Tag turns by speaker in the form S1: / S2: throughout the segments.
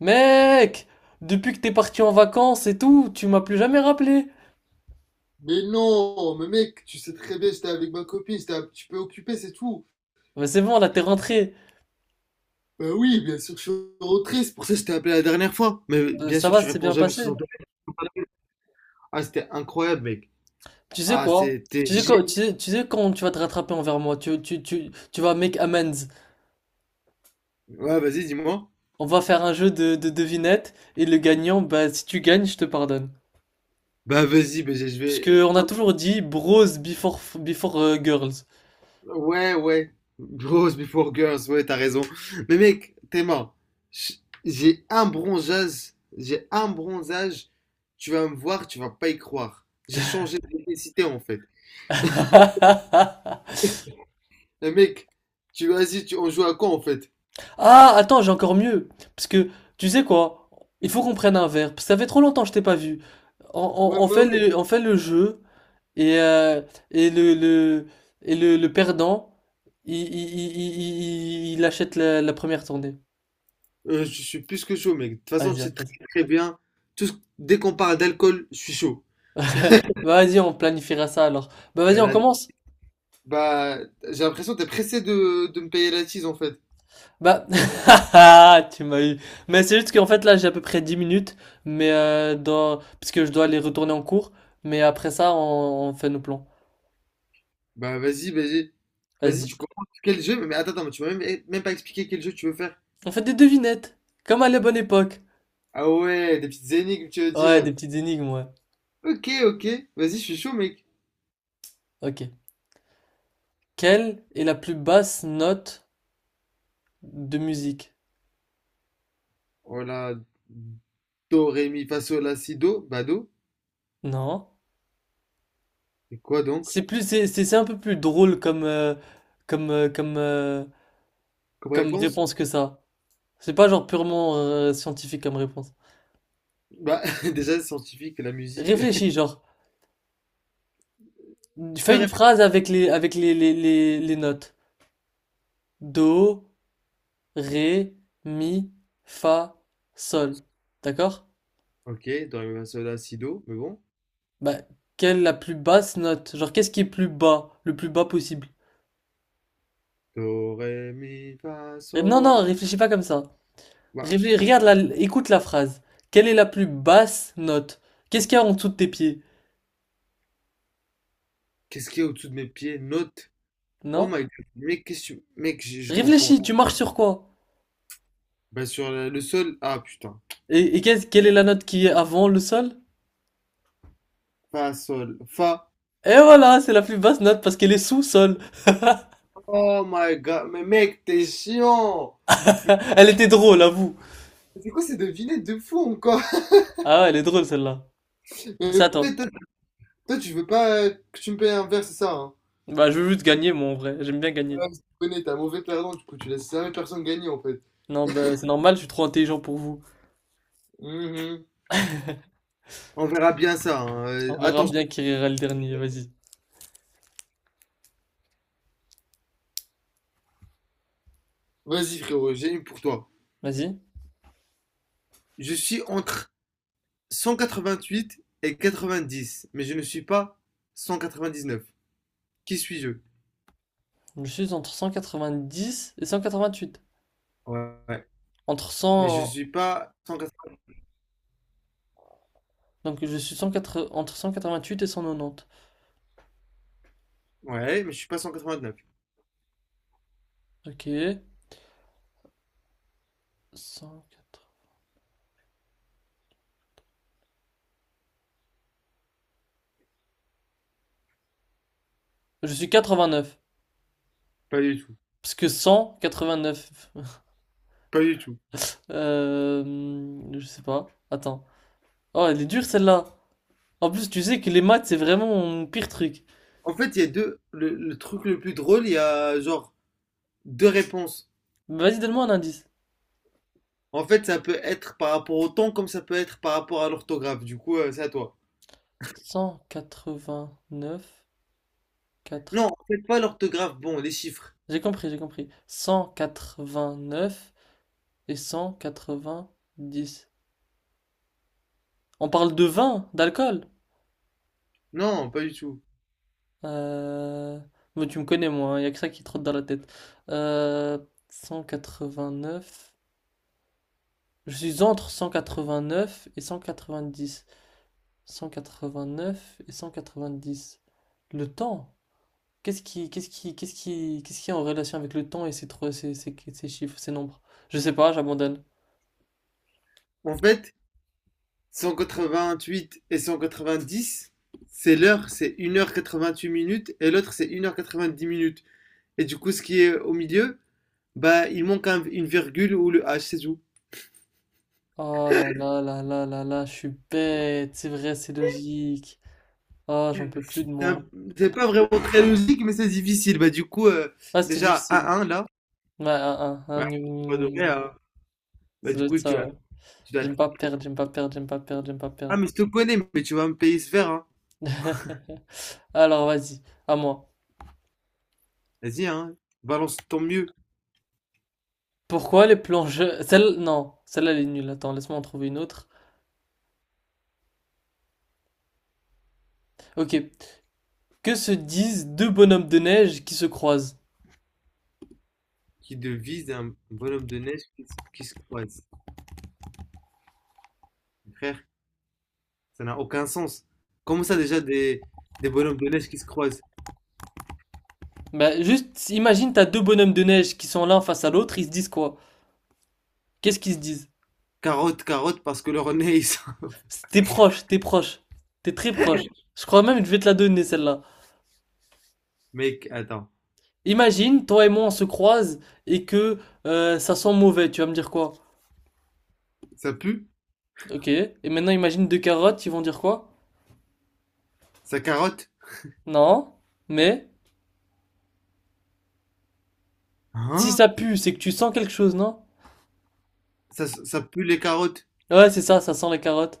S1: Mec, depuis que t'es parti en vacances et tout, tu m'as plus jamais rappelé.
S2: Mais non, mais mec, tu sais très bien, j'étais avec ma copine, j'étais un petit peu occupé, c'est tout.
S1: Mais c'est bon, là t'es rentré.
S2: Bah oui, bien sûr, que je suis rentré, c'est pour ça que je t'ai appelé la dernière fois. Mais
S1: Euh,
S2: bien
S1: Ça
S2: sûr,
S1: va,
S2: tu
S1: c'est
S2: réponds
S1: bien
S2: jamais sur
S1: passé.
S2: son téléphone. Ah, c'était incroyable, mec.
S1: Tu sais
S2: Ah,
S1: quoi?
S2: c'était
S1: Tu sais
S2: génial.
S1: quoi? Tu sais quand tu vas te rattraper envers moi? Tu vas make amends.
S2: Ouais, vas-y, dis-moi.
S1: On va faire un jeu de devinettes et le gagnant, bah si tu gagnes, je te pardonne.
S2: Bah vas-y, bah, je
S1: Parce
S2: vais...
S1: que on a toujours dit bros before girls.
S2: Ouais, ouais. Bros before girls, ouais, t'as raison. Mais mec, Théma, j'ai un bronzage, tu vas me voir, tu vas pas y croire. J'ai changé de technicité, en fait. Eh mec, on joue à quoi en fait?
S1: Ah, attends, j'ai encore mieux. Parce que, tu sais quoi? Il faut qu'on prenne un verre. Parce que ça fait trop longtemps que je t'ai pas vu. On,
S2: Ouais,
S1: on- on
S2: bah
S1: fait
S2: ouais.
S1: le jeu. Et, euh, et le, le, et le perdant, il achète la première tournée.
S2: Je suis plus que chaud, mec. De toute façon, tu
S1: Vas-y, on
S2: sais très
S1: fait ça.
S2: très bien. Tout ce- Dès qu'on parle d'alcool, je suis chaud.
S1: Bah, vas-y, on planifiera ça alors. Bah, vas-y,
S2: Euh,
S1: on
S2: la-
S1: commence.
S2: Bah, j'ai l'impression que t'es pressé de me payer la tease en fait.
S1: Bah, ah, tu m'as eu. Mais c'est juste qu'en fait, là, j'ai à peu près 10 minutes. Mais dans... Parce que je dois aller retourner en cours. Mais après ça, on fait nos plans.
S2: Bah, vas-y, vas-y. Vas-y,
S1: Vas-y.
S2: tu comprends quel jeu? Mais attends, attends, mais tu m'as même pas expliqué quel jeu tu veux faire.
S1: On fait des devinettes, comme à la bonne époque.
S2: Ah ouais, des petites énigmes, tu veux
S1: Ouais, des
S2: dire.
S1: petites énigmes, ouais.
S2: Ok, ok. Vas-y, je suis chaud, mec.
S1: Ok. Quelle est la plus basse note de musique?
S2: Voilà. Do, ré, mi, fa, sol, la, si, do. Bah, do.
S1: Non.
S2: Et quoi donc?
S1: C'est plus, c'est un peu plus drôle comme, euh, comme, euh,
S2: Comme
S1: comme
S2: réponse?
S1: réponse que ça. C'est pas genre purement scientifique comme réponse.
S2: Bah, déjà, c'est scientifique, la musique.
S1: Réfléchis, genre,
S2: Tu peux
S1: fais une
S2: répéter.
S1: phrase avec les notes. Do, ré, mi, fa, sol. D'accord?
S2: Ok, do, ré, mi, fa, sol, la, si, do, mais bon.
S1: Bah, quelle est la plus basse note? Genre, qu'est-ce qui est plus bas? Le plus bas possible.
S2: Do, ré, mi, fa,
S1: Ré- Non,
S2: sol.
S1: non, réfléchis pas comme ça.
S2: Bah,
S1: Regarde, écoute la phrase. Quelle est la plus basse note? Qu'est-ce qu'il y a en dessous de tes pieds?
S2: qu'est-ce qu'il y a au-dessous de mes pieds? Note. Oh my
S1: Non?
S2: god, mec, Mec, je comprends.
S1: Réfléchis, tu marches sur quoi?
S2: Bah, sur le sol. Ah, putain.
S1: Et quelle est la note qui est avant le sol?
S2: Fa, sol, fa.
S1: Et voilà, c'est la plus basse note parce qu'elle est sous sol.
S2: Oh my god, mais mec, t'es chiant!
S1: Elle était drôle, avoue.
S2: C'est quoi ces devinettes de fou encore?
S1: Ah ouais, elle est drôle celle-là. C'est à
S2: Toi,
S1: toi.
S2: toi, toi, tu veux pas que tu me payes un verre, c'est ça, hein?
S1: Bah, je veux juste gagner, moi, en vrai. J'aime bien gagner.
S2: Ouais, je connais, t'es un mauvais perdant, du coup, tu laisses jamais personne gagner en fait.
S1: Non, bah, c'est normal, je suis trop intelligent pour vous.
S2: Mhm. On verra bien ça, hein.
S1: On verra
S2: Attention.
S1: bien qui rira le dernier, vas-y.
S2: Vas-y, frérot, j'ai une pour toi.
S1: Vas-y.
S2: Je suis entre 188 et 90, mais je ne suis pas 199. Qui suis-je?
S1: Je suis entre 190 et 188.
S2: Ouais, ouais.
S1: Entre
S2: Mais je
S1: 100...
S2: suis pas 180.
S1: Donc je suis 180 entre 188 et 190.
S2: Ouais, mais je suis pas 199.
S1: Ok. 180. Je suis 89.
S2: Pas du tout.
S1: Parce que 189...
S2: Pas du tout.
S1: Euh... Je sais pas. Attends. Oh, elle est dure celle-là. En plus, tu sais que les maths, c'est vraiment mon pire truc.
S2: En fait, il y a deux. Le truc le plus drôle, il y a genre deux réponses.
S1: Vas-y, donne-moi un indice.
S2: En fait, ça peut être par rapport au temps comme ça peut être par rapport à l'orthographe. Du coup, c'est à toi.
S1: 189,
S2: Non,
S1: 4.
S2: en fait, pas l'orthographe. Bon, les chiffres.
S1: J'ai compris, j'ai compris. 189 et 190. On parle de vin, d'alcool.
S2: Non, pas du tout.
S1: Euh... mais tu me connais, moi, il n'y a que ça qui trotte dans la tête. Euh, 189. Je suis entre 189 et 190. 189 et 190. Le temps. Qu'est-ce qui est en relation avec le temps et ces trois, ces, ces, ces chiffres, ces nombres? Je sais pas, j'abandonne.
S2: En fait, 188 et 190, c'est l'heure, c'est une heure 88 minutes, et l'autre c'est une heure 90 minutes. Et du coup, ce qui est au milieu, bah, il manque une virgule ou le H, c'est tout.
S1: Oh là là là là là là, je suis bête. C'est vrai, c'est logique. Oh, j'en peux plus
S2: C'est
S1: de moi.
S2: un- c'est pas vraiment très logique, mais c'est difficile. Bah, du coup,
S1: Ah, c'était
S2: déjà,
S1: difficile.
S2: 1-1 là,
S1: Ouais, un, un,
S2: bah,
S1: un, une,
S2: pas
S1: une,
S2: de vrai,
S1: une.
S2: hein. Bah,
S1: Ça
S2: du
S1: doit être
S2: coup,
S1: ça, ouais.
S2: tu dois.
S1: J'aime pas perdre, j'aime pas perdre, j'aime pas perdre, j'aime pas
S2: Ah,
S1: perdre.
S2: mais je te connais, mais tu vas me payer ce verre, hein.
S1: Alors, vas-y, à moi.
S2: Vas-y, hein, balance ton mieux.
S1: Pourquoi les plongeurs... Celle... Non, celle-là, elle est nulle. Attends, laisse-moi en trouver une autre. Ok. Que se disent deux bonhommes de neige qui se croisent?
S2: Qui devise un bonhomme de neige qui se croise. Frère, ça n'a aucun sens. Comment ça déjà des bonhommes de neige qui se croisent?
S1: Bah, juste, imagine, t'as deux bonhommes de neige qui sont l'un face à l'autre, ils se disent quoi? Qu'est-ce qu'ils se disent?
S2: Carotte, carotte, parce que leur nez, ils sont-
S1: T'es proche. T'es très proche. Je crois même que je vais te la donner, celle-là.
S2: Mec, attends.
S1: Imagine, toi et moi, on se croise et que ça sent mauvais. Tu vas me dire quoi?
S2: Ça pue?
S1: Ok. Et maintenant, imagine deux carottes, ils vont dire quoi?
S2: Ça carotte?
S1: Non. Mais si
S2: Hein?
S1: ça pue, c'est que tu sens quelque chose, non?
S2: Ça pue les carottes.
S1: Ouais, c'est ça, ça sent les carottes.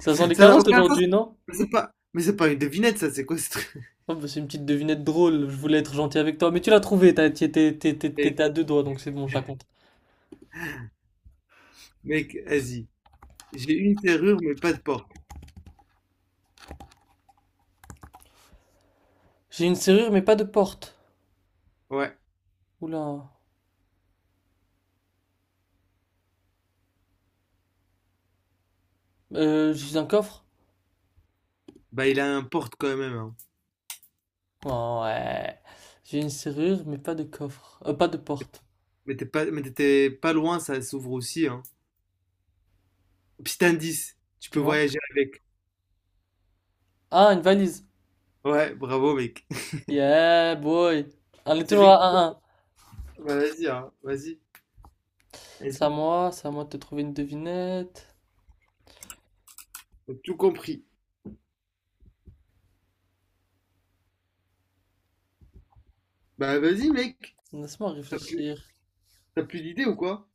S1: Ça sent les
S2: Ça n'a
S1: carottes
S2: aucun sens.
S1: aujourd'hui, non?
S2: Mais c'est pas une devinette, ça, c'est quoi ce truc?
S1: Oh, bah, c'est une petite devinette drôle. Je voulais être gentil avec toi, mais tu l'as trouvé.
S2: Eh,
S1: T'étais à deux doigts, donc c'est bon, je la compte.
S2: Mec, vas-y. J'ai une serrure, mais pas de porte.
S1: J'ai une serrure, mais pas de porte.
S2: Ouais.
S1: Oula. J'ai un coffre?
S2: Bah, il a un porte quand même, hein.
S1: Ouais. J'ai une serrure, mais pas de coffre. Pas de porte.
S2: Mais t'étais pas loin, ça s'ouvre aussi, hein. Petit indice, tu peux
S1: Dis-moi.
S2: voyager avec.
S1: Ah, une valise.
S2: Ouais, bravo, mec.
S1: Yeah, boy. On est
S2: C'est
S1: toujours
S2: l'équipe.
S1: à 1.
S2: Bah, vas-y, hein. Vas-y. Vas-y.
S1: C'est à moi de te trouver une devinette.
S2: T'as tout compris. Bah vas-y mec,
S1: Laisse-moi
S2: t'as
S1: réfléchir.
S2: t'as plus d'idées ou quoi?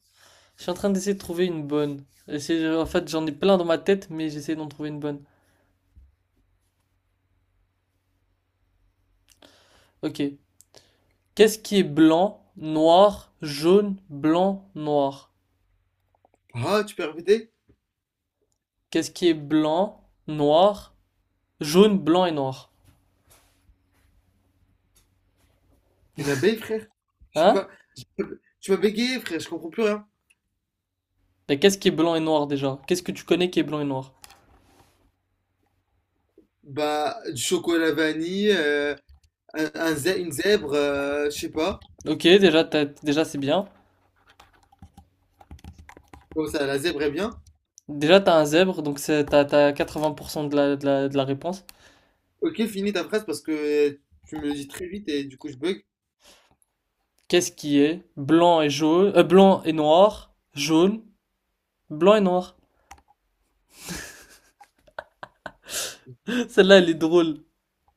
S1: Je suis en train d'essayer de trouver une bonne. En fait, j'en ai plein dans ma tête, mais j'essaie d'en trouver une bonne. Ok. Qu'est-ce qui est blanc, noir, jaune, blanc, noir?
S2: Ah, tu peux répéter?
S1: Qu'est-ce qui est blanc, noir, jaune, blanc et noir?
S2: Une abeille frère? Je sais
S1: Hein?
S2: pas. Tu m'as bégayé frère, je comprends plus rien.
S1: Mais qu'est-ce qui est blanc et noir déjà? Qu'est-ce que tu connais qui est blanc et noir?
S2: Bah du chocolat vanille, une zèbre, je sais pas.
S1: Ok, déjà c'est bien.
S2: Comme ça, la zèbre est bien.
S1: Déjà, t'as un zèbre, donc t'as t'as 80% de la réponse.
S2: Ok, finis ta phrase parce que tu me le dis très vite et du coup je bug.
S1: Qu'est-ce qui est blanc et jaune, blanc et noir, jaune, blanc et noir. Celle-là, elle est drôle.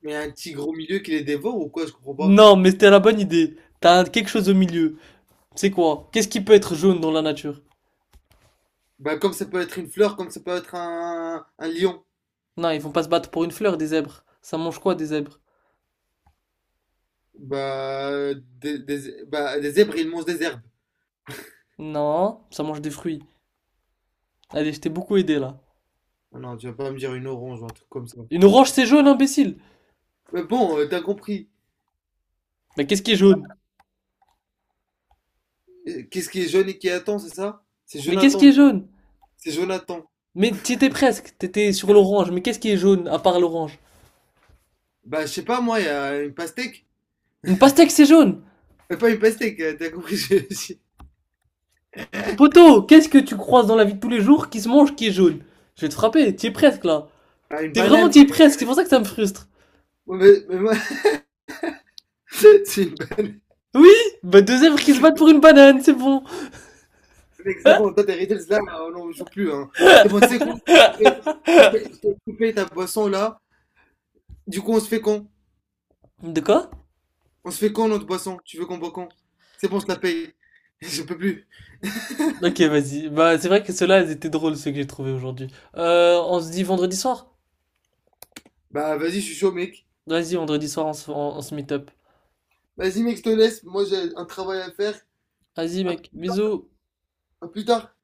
S2: Mais un tigre au milieu qui les dévore ou quoi? Je comprends pas.
S1: Non, mais c'était la bonne idée. T'as quelque chose au milieu. C'est quoi? Qu'est-ce qui peut être jaune dans la nature?
S2: Bah comme ça peut être une fleur, comme ça peut être un lion.
S1: Non, ils vont pas se battre pour une fleur, des zèbres. Ça mange quoi, des zèbres?
S2: Bah bah, des zèbres ils mangent des herbes.
S1: Non, ça mange des fruits. Allez, je t'ai beaucoup aidé là.
S2: Ah, non, tu vas pas me dire une orange ou un truc comme ça.
S1: Une orange, c'est jaune, imbécile.
S2: Mais bon, t'as compris.
S1: Mais qu'est-ce qui est jaune?
S2: Qu'est-ce qui est jaune et qui attend, c'est ça? C'est
S1: Mais qu'est-ce
S2: Jonathan.
S1: qui est jaune?
S2: C'est Jonathan.
S1: Mais t'y étais presque, t'étais sur l'orange. Mais qu'est-ce qui est jaune à part l'orange?
S2: Bah, je sais pas, moi, il y a une pastèque.
S1: Une pastèque, c'est jaune.
S2: Pas une pastèque, t'as compris.
S1: Poto, qu'est-ce que tu croises dans la vie de tous les jours qui se mange, qui est jaune. Je vais te frapper, t'y es presque là.
S2: Ah, une
S1: T'es vraiment,
S2: banane,
S1: t'y es
S2: frère.
S1: presque, c'est pour ça que ça me frustre.
S2: Ouais, mais moi, c'est une banane.
S1: Oui. Bah deux œuvres qui se battent pour une banane, c'est bon.
S2: Mec, c'est
S1: Ah,
S2: bon, toi, t'as hérité de cela, non, on joue plus, hein. C'est bon, tu sais quoi? Je te fais je te fais- je te fais ta boisson, là. Du coup, on se fait quand?
S1: de quoi?
S2: On se fait quand, notre boisson? Tu veux qu'on boit quand? C'est bon, je la paye. Je peux plus.
S1: Ok, vas-y. Bah c'est vrai que ceux-là, ils étaient drôles, ceux que j'ai trouvés aujourd'hui. On se dit vendredi soir.
S2: Bah, vas-y, je suis chaud, mec.
S1: Vas-y, vendredi soir, on se meet up.
S2: Vas-y mec, je te laisse. Moi j'ai un travail à faire.
S1: Vas-y
S2: À
S1: mec, bisous.
S2: à plus tard.